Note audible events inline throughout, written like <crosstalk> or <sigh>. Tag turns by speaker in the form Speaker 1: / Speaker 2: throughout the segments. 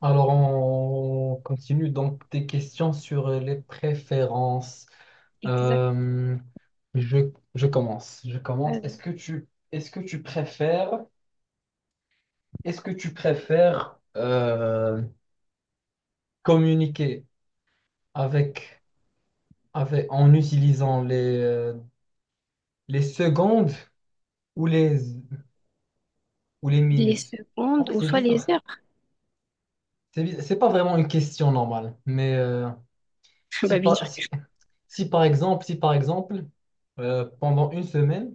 Speaker 1: Alors, on continue donc tes questions sur les préférences.
Speaker 2: Exact.
Speaker 1: Euh, je, je commence. Je commence.
Speaker 2: Vas-y.
Speaker 1: Est-ce que tu préfères, est-ce que tu préfères communiquer avec, avec, en utilisant les secondes ou les, ou les
Speaker 2: Les
Speaker 1: minutes? En
Speaker 2: secondes
Speaker 1: vrai,
Speaker 2: ou
Speaker 1: c'est
Speaker 2: soit les
Speaker 1: bizarre.
Speaker 2: heures.
Speaker 1: C'est bizarre. C'est pas vraiment une question normale, mais
Speaker 2: <laughs>
Speaker 1: si,
Speaker 2: Bah, bien
Speaker 1: par-
Speaker 2: sûr.
Speaker 1: si- Si par exemple, si par exemple, pendant une semaine,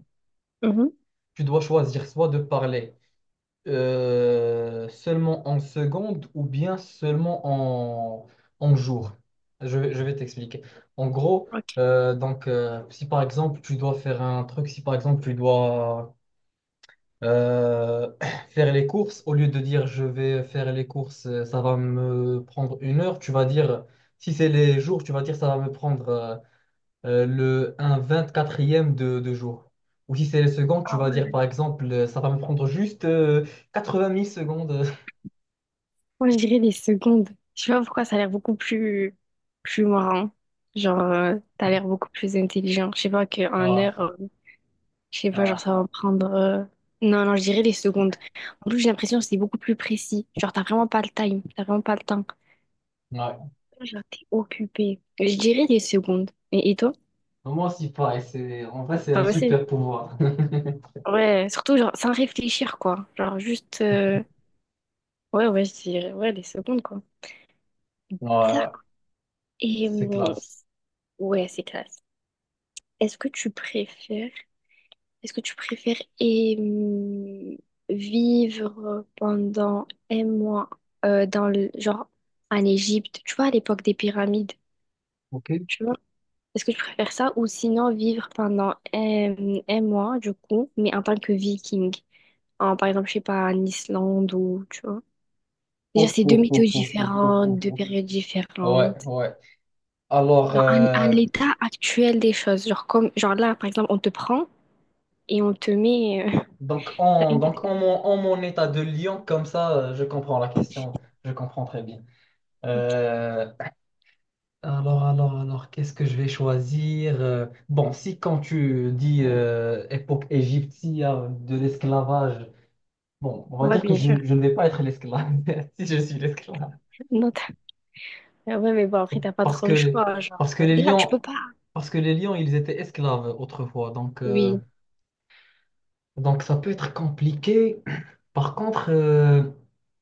Speaker 2: Mhm.
Speaker 1: tu dois choisir soit de parler seulement en secondes ou bien seulement en jours. Je vais t'expliquer. En gros,
Speaker 2: Ok.
Speaker 1: si par exemple, tu dois faire un truc, si par exemple, tu dois euh, <clears throat> faire les courses, au lieu de dire je vais faire les courses, ça va me prendre une heure, tu vas dire, si c'est les jours, tu vas dire ça va me prendre un vingt-quatrième de jour. Ou si c'est les secondes, tu
Speaker 2: Ah
Speaker 1: vas dire
Speaker 2: ouais.
Speaker 1: par exemple, ça va me prendre juste 20 000 secondes. <laughs>
Speaker 2: Moi, je dirais les secondes. Je sais pas pourquoi ça a l'air beaucoup plus, plus marrant. Genre, t'as l'air beaucoup plus intelligent. Je sais pas qu'en
Speaker 1: Voilà,
Speaker 2: heure, je sais pas, genre,
Speaker 1: voilà.
Speaker 2: ça va me prendre. Non, non, je dirais les secondes. En plus, j'ai l'impression que c'est beaucoup plus précis. Genre, t'as vraiment pas le time. T'as vraiment pas le temps.
Speaker 1: Ouais.
Speaker 2: Genre, t'es occupé. Je dirais les secondes. Et toi?
Speaker 1: Moi aussi, pareil. C'est, en vrai, c'est
Speaker 2: Pas
Speaker 1: un
Speaker 2: ouais, facile.
Speaker 1: super pouvoir. <laughs>
Speaker 2: Ouais, surtout, genre, sans réfléchir, quoi. Genre, juste. Ouais, ouais, je dirais, ouais, les secondes, quoi.
Speaker 1: Ouais,
Speaker 2: D'accord. Et
Speaker 1: c'est classe.
Speaker 2: ouais, c'est classe. Est-ce que tu préfères, est-ce que tu préfères et, vivre pendant un mois dans le genre en Égypte, tu vois, à l'époque des pyramides,
Speaker 1: Ok. <laughs>
Speaker 2: tu vois? Est-ce que tu préfères ça ou sinon vivre pendant un, un mois, du coup, mais en tant que viking, en par exemple, je sais pas, en Islande ou tu vois? Déjà,
Speaker 1: Ouf,
Speaker 2: c'est deux
Speaker 1: ouf,
Speaker 2: météos
Speaker 1: ouf, ouf, ouf, ouf, ouf,
Speaker 2: différentes, deux
Speaker 1: ouf.
Speaker 2: périodes
Speaker 1: Ouais,
Speaker 2: différentes.
Speaker 1: ouais. Alors,
Speaker 2: Genre, à
Speaker 1: euh,
Speaker 2: l'état actuel des choses. Genre, comme, genre là, par exemple, on te prend et on te met.
Speaker 1: donc,
Speaker 2: <laughs> T'as
Speaker 1: en,
Speaker 2: une
Speaker 1: donc
Speaker 2: tête-
Speaker 1: en, mon, en mon état de lion, comme ça, je comprends la question. Je comprends très bien. Euh, alors, qu'est-ce que je vais choisir? Bon, si quand tu dis époque égyptienne de l'esclavage, bon, on va
Speaker 2: Ouais,
Speaker 1: dire que
Speaker 2: bien sûr.
Speaker 1: je ne vais pas être l'esclave, <laughs> si je suis l'esclave.
Speaker 2: Non, t'as- Ah ouais, mais bon, après, t'as pas
Speaker 1: Parce
Speaker 2: trop
Speaker 1: que
Speaker 2: le
Speaker 1: les,
Speaker 2: choix. Genre,
Speaker 1: parce que les
Speaker 2: là, tu
Speaker 1: lions,
Speaker 2: peux pas.
Speaker 1: parce que les lions, ils étaient esclaves autrefois, donc, euh,
Speaker 2: Oui.
Speaker 1: donc ça peut être compliqué. Par contre,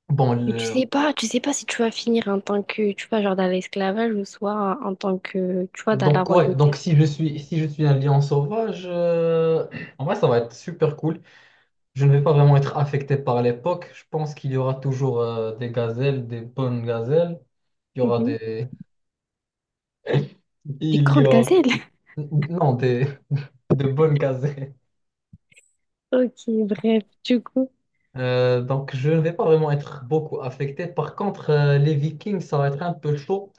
Speaker 1: bon,
Speaker 2: Mais
Speaker 1: le-
Speaker 2: tu sais pas si tu vas finir en tant que, tu vois, genre dans l'esclavage ou soit en tant que, tu vois, dans la
Speaker 1: donc ouais, donc
Speaker 2: royauté.
Speaker 1: si je suis un lion sauvage, en vrai, ça va être super cool. Je ne vais pas vraiment être affecté par l'époque. Je pense qu'il y aura toujours des gazelles, des bonnes gazelles. Il y aura
Speaker 2: Mhm.
Speaker 1: des... <laughs>
Speaker 2: Des
Speaker 1: Il y
Speaker 2: grandes
Speaker 1: a...
Speaker 2: gazelles. <laughs>
Speaker 1: Non, des... de bonnes gazelles.
Speaker 2: Ok, bref, du coup.
Speaker 1: Donc, je ne vais pas vraiment être beaucoup affecté. Par contre, les Vikings, ça va être un peu chaud.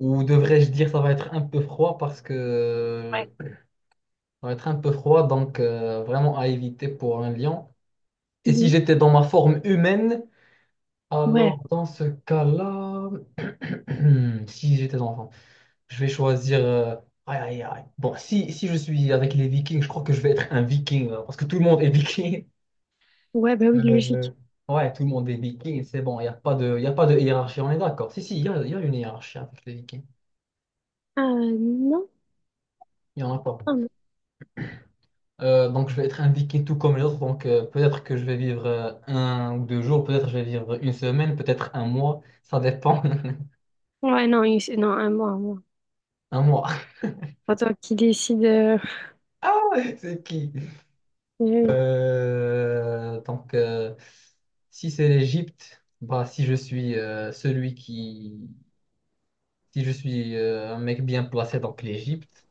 Speaker 1: Ou devrais-je dire, ça va être un peu froid parce que...
Speaker 2: Ouais.
Speaker 1: Ça va être un peu froid, donc vraiment à éviter pour un lion. Et si
Speaker 2: Mhm.
Speaker 1: j'étais dans ma forme humaine,
Speaker 2: Ouais,
Speaker 1: alors dans ce cas-là... <clears throat> Si j'étais enfant. Je vais choisir. Aïe, aïe, aïe. Bon, si je suis avec les Vikings, je crois que je vais être un Viking, hein, parce que tout le monde est Viking.
Speaker 2: ouais, bah oui,
Speaker 1: Euh,
Speaker 2: logique.
Speaker 1: Ouais, tout le monde est Viking. C'est bon, il a pas de hiérarchie. On est d'accord. Si, il y a une hiérarchie avec les Vikings.
Speaker 2: Ah non,
Speaker 1: Il n'y en a pas.
Speaker 2: non, non.
Speaker 1: Donc, je vais être un Viking tout comme les autres. Donc, peut-être que je vais vivre un ou deux jours. Peut-être je vais vivre une semaine. Peut-être un mois. Ça dépend. <laughs>
Speaker 2: Ouais, non, il- non, un mois, un mois.
Speaker 1: Un mois. <laughs>
Speaker 2: Pas toi qui décide.
Speaker 1: Ah, ouais, c'est qui?
Speaker 2: Oui, oui,
Speaker 1: Euh, donc, euh, si c'est l'Égypte, bah, si je suis celui qui... Si je suis un mec bien placé, donc l'Égypte,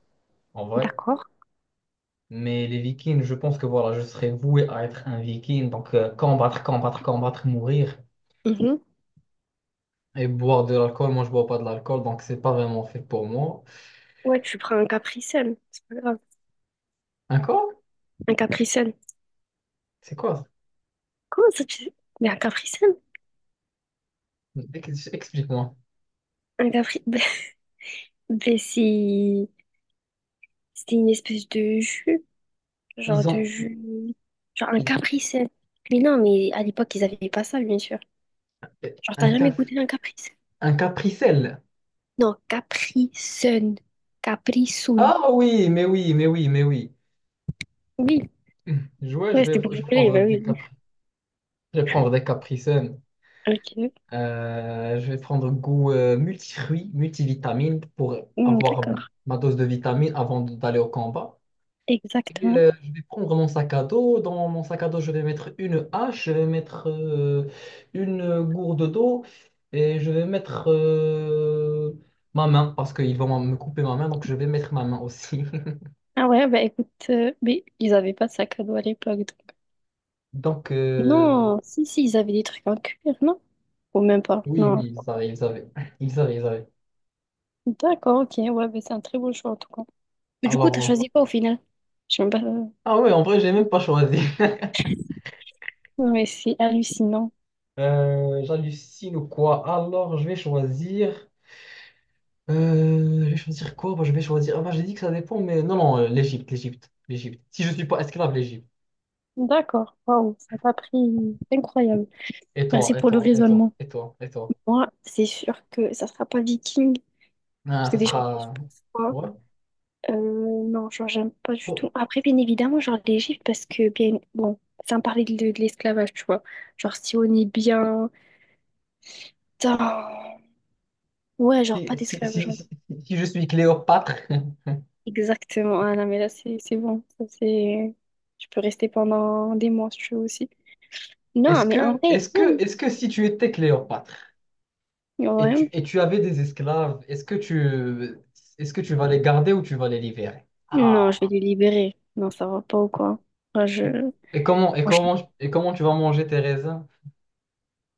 Speaker 1: en vrai.
Speaker 2: d'accord.
Speaker 1: Mais les Vikings, je pense que voilà, je serais voué à être un Viking. Donc, combattre, combattre, combattre, mourir.
Speaker 2: Mhm.
Speaker 1: Et boire de l'alcool, moi, je bois pas de l'alcool, donc c'est pas vraiment fait pour moi.
Speaker 2: Ouais, tu prends un capricène, c'est pas grave.
Speaker 1: Un corps?
Speaker 2: Un capricène.
Speaker 1: C'est quoi?
Speaker 2: Comment ça tu... sais? Mais un capricène?
Speaker 1: Explique-moi.
Speaker 2: Un capri... <laughs> Ben, ben, c'est... C'est une espèce
Speaker 1: Ils
Speaker 2: de
Speaker 1: ont
Speaker 2: jus... Genre un
Speaker 1: ils-
Speaker 2: capricène. Mais non, mais à l'époque, ils avaient pas ça, bien sûr. Genre,
Speaker 1: un,
Speaker 2: t'as jamais
Speaker 1: caf
Speaker 2: goûté un capricène?
Speaker 1: un capricelle.
Speaker 2: Non, capricène. Capricène.
Speaker 1: Ah oui, mais oui, mais oui, mais oui.
Speaker 2: Oui,
Speaker 1: Ouais,
Speaker 2: ouais,
Speaker 1: je
Speaker 2: c'était
Speaker 1: vais,
Speaker 2: pour
Speaker 1: je vais
Speaker 2: rigoler, bah
Speaker 1: prendre des
Speaker 2: oui.
Speaker 1: capri, je vais prendre des capricènes.
Speaker 2: Ok,
Speaker 1: Je vais prendre goût multifruits, multivitamines pour
Speaker 2: hmm,
Speaker 1: avoir
Speaker 2: d'accord.
Speaker 1: ma dose de vitamines avant d'aller au combat. Et,
Speaker 2: Exactement.
Speaker 1: je vais prendre mon sac à dos. Dans mon sac à dos, je vais mettre une hache, je vais mettre une gourde d'eau et je vais mettre ma main parce qu'ils vont me couper ma main, donc je vais mettre ma main aussi. <laughs>
Speaker 2: Ah ouais, bah écoute, mais ils avaient pas de sac à dos à l'époque.
Speaker 1: Donc,
Speaker 2: Non, si, si, ils avaient des trucs en cuir, non? Ou même pas,
Speaker 1: oui,
Speaker 2: non.
Speaker 1: oui, ils arrivent, ils arrivent.
Speaker 2: D'accord, ok, ouais, mais c'est un très beau choix en tout cas. Mais du coup, t'as
Speaker 1: Alors,
Speaker 2: choisi quoi au final? Je sais même pas.
Speaker 1: ah ouais, en vrai, j'ai même pas choisi. <laughs>
Speaker 2: Ouais, c'est hallucinant.
Speaker 1: J'hallucine ou quoi? Alors, je vais choisir. Je vais choisir quoi? Bah, je vais choisir. Ah bah, j'ai dit que ça dépend, mais non, l'Égypte, l'Égypte, l'Égypte. Si je suis pas esclave, l'Égypte.
Speaker 2: D'accord, waouh, ça t'a pris incroyable.
Speaker 1: Et
Speaker 2: Merci
Speaker 1: toi, et
Speaker 2: pour le
Speaker 1: toi, et toi,
Speaker 2: raisonnement.
Speaker 1: et toi, et toi.
Speaker 2: Moi, c'est sûr que ça sera pas viking,
Speaker 1: Ah,
Speaker 2: parce que
Speaker 1: ça
Speaker 2: déjà, il fait
Speaker 1: sera.
Speaker 2: super froid.
Speaker 1: Ouais.
Speaker 2: Euh, non, genre, j'aime pas du
Speaker 1: Bon.
Speaker 2: tout. Après, bien évidemment, genre, l'Égypte, parce que, bien, bon, sans parler de l'esclavage, tu vois. Genre, si on est bien. Putain. Ouais, genre,
Speaker 1: Si,
Speaker 2: pas
Speaker 1: si,
Speaker 2: d'esclavage.
Speaker 1: si, si, si je suis Cléopâtre,
Speaker 2: Exactement. Ah non, mais là, c'est bon. Ça, c'est... Je peux rester pendant des mois si je veux aussi.
Speaker 1: <laughs> est-ce
Speaker 2: Non, mais en
Speaker 1: que,
Speaker 2: vrai,
Speaker 1: est-ce que si tu étais Cléopâtre et tu,
Speaker 2: ouais.
Speaker 1: et tu avais des esclaves, est-ce que tu vas les garder ou tu vas les libérer?
Speaker 2: Non, je
Speaker 1: Ah.
Speaker 2: vais les libérer. Non, ça va pas ou quoi? Moi,
Speaker 1: Et,
Speaker 2: je... moi, je...
Speaker 1: et comment tu vas manger tes raisins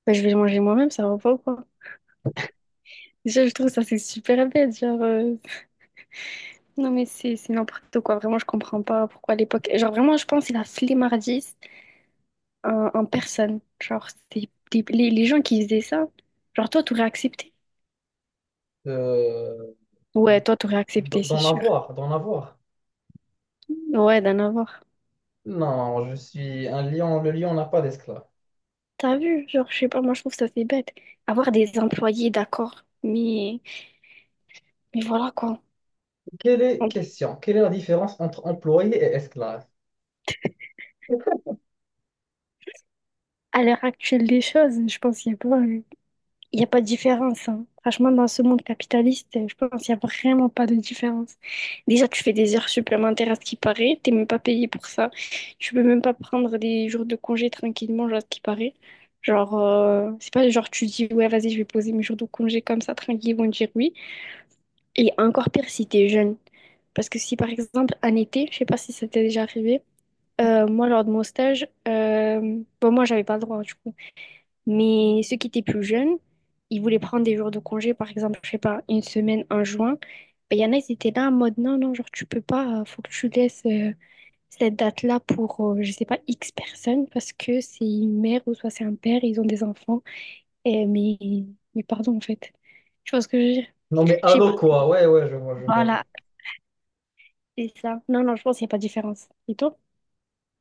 Speaker 2: bah, je vais le manger moi-même, ça va pas ou quoi? Déjà, je trouve ça, c'est super bête. Genre, non, mais c'est n'importe quoi. Vraiment, je comprends pas pourquoi à l'époque. Genre, vraiment, je pense que c'est la flemmardise en, en personne. Genre, c'est des- les gens qui faisaient ça, genre, toi, t'aurais accepté.
Speaker 1: euh,
Speaker 2: Ouais, toi, t'aurais
Speaker 1: d-
Speaker 2: accepté, c'est
Speaker 1: d'en
Speaker 2: sûr.
Speaker 1: avoir, d'en avoir?
Speaker 2: Ouais, d'en avoir.
Speaker 1: Non, je suis un lion. Le lion n'a pas d'esclave.
Speaker 2: T'as vu, genre, je sais pas, moi je trouve ça c'est bête. Avoir des employés, d'accord, mais voilà quoi.
Speaker 1: Quelle est, question, quelle est la différence entre employé et esclave?
Speaker 2: À l'heure actuelle des choses, je pense qu'il n'y a pas, il y a pas de différence, hein. Franchement, dans ce monde capitaliste, je pense qu'il n'y a vraiment pas de différence. Déjà, tu fais des heures supplémentaires à ce qui paraît, t'es même pas payé pour ça. Tu peux même pas prendre des jours de congé tranquillement, genre, à ce qui paraît. Genre, c'est pas genre tu dis, ouais, vas-y, je vais poser mes jours de congé comme ça, tranquille, ils vont dire oui. Et encore pire si t'es jeune. Parce que si par exemple en été, je sais pas si ça t'est déjà arrivé, moi lors de mon stage, bon moi j'avais pas le droit du coup, mais ceux qui étaient plus jeunes, ils voulaient prendre des jours de congé, par exemple, je sais pas, une semaine en juin, ben y en a ils étaient là en mode non, non, genre tu peux pas, faut que tu laisses cette date-là pour, je sais pas, X personnes, parce que c'est une mère ou soit c'est un père, ils ont des enfants, et, mais pardon en fait, je ce que je veux dire.
Speaker 1: Non, mais
Speaker 2: Je sais pas.
Speaker 1: allô quoi? Ouais, ouais, je vois, je vois.
Speaker 2: Voilà, c'est ça. Non, non, je pense qu'il n'y a pas de différence. Et toi?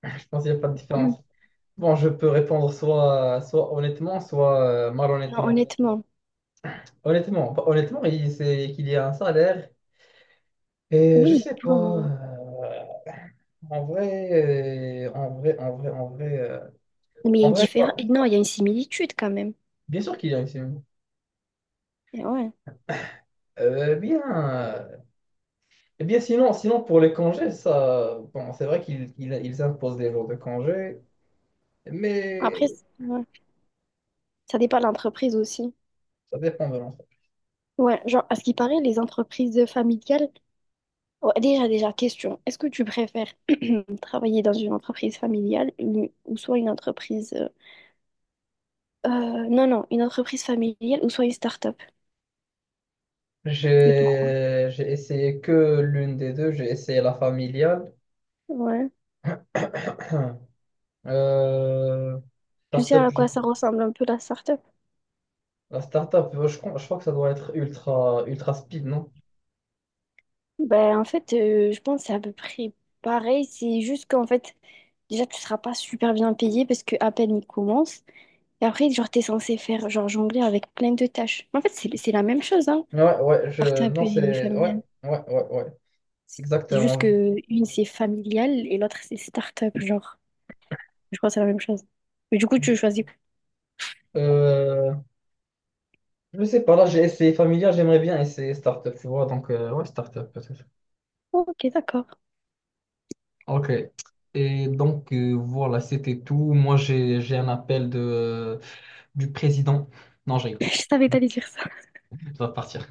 Speaker 1: Je pense qu'il n'y a pas de
Speaker 2: Mm.
Speaker 1: différence. Bon, je peux répondre soit honnêtement, soit
Speaker 2: Non,
Speaker 1: malhonnêtement.
Speaker 2: honnêtement.
Speaker 1: Honnêtement, bah, honnêtement, c'est qu'il y a un salaire. Et je
Speaker 2: Oui,
Speaker 1: sais pas.
Speaker 2: bon.
Speaker 1: En vrai, en vrai, en vrai, en vrai,
Speaker 2: Mais il y a
Speaker 1: en
Speaker 2: une
Speaker 1: vrai,
Speaker 2: différence.
Speaker 1: ça.
Speaker 2: Non, il y a une similitude quand même.
Speaker 1: Bien sûr qu'il y a une semaine.
Speaker 2: Et ouais.
Speaker 1: Euh, bien, euh, eh bien sinon, sinon, pour les congés, ça, bon, c'est vrai qu'ils ils, ils imposent des jours de congés, mais
Speaker 2: Après, c- ouais, ça dépend de l'entreprise aussi.
Speaker 1: ça dépend de l'enfant.
Speaker 2: Ouais, genre, à ce qui paraît, les entreprises familiales. Ouais, déjà, déjà, question. Est-ce que tu préfères <clears throat> travailler dans une entreprise familiale une- ou soit une entreprise. euh, non, non, une entreprise familiale ou soit une start-up? Et pourquoi?
Speaker 1: J'ai essayé que l'une des deux, j'ai essayé la familiale.
Speaker 2: Ouais.
Speaker 1: <clears throat> Euh,
Speaker 2: Je sais
Speaker 1: startup,
Speaker 2: à quoi
Speaker 1: j'ai-
Speaker 2: ça ressemble un peu la start-up.
Speaker 1: la startup, je crois que ça doit être ultra, ultra speed, non?
Speaker 2: Ben, en fait, je pense que c'est à peu près pareil. C'est juste qu'en fait, déjà, tu seras pas super bien payé parce que à peine il commence. Et après, genre, t'es censé faire, genre, jongler avec plein de tâches. En fait, c'est la même chose, hein.
Speaker 1: Ouais, ouais, je,
Speaker 2: Start-up
Speaker 1: non,
Speaker 2: et
Speaker 1: c'est, ouais,
Speaker 2: familial.
Speaker 1: ouais, ouais, ouais,
Speaker 2: C'est juste
Speaker 1: exactement.
Speaker 2: que une, c'est familial et l'autre, c'est start-up, genre. Je crois que c'est la même chose. Mais du coup, tu choisis.
Speaker 1: Euh, Je sais pas, là j'ai essayé familial, j'aimerais bien essayer startup, tu vois, donc ouais, startup peut-être.
Speaker 2: Ok, d'accord.
Speaker 1: Ok. Et donc voilà, c'était tout. Moi j'ai un appel du président. Non, je
Speaker 2: <laughs>
Speaker 1: rigole,
Speaker 2: Je savais que t'allais dire ça.
Speaker 1: je dois partir.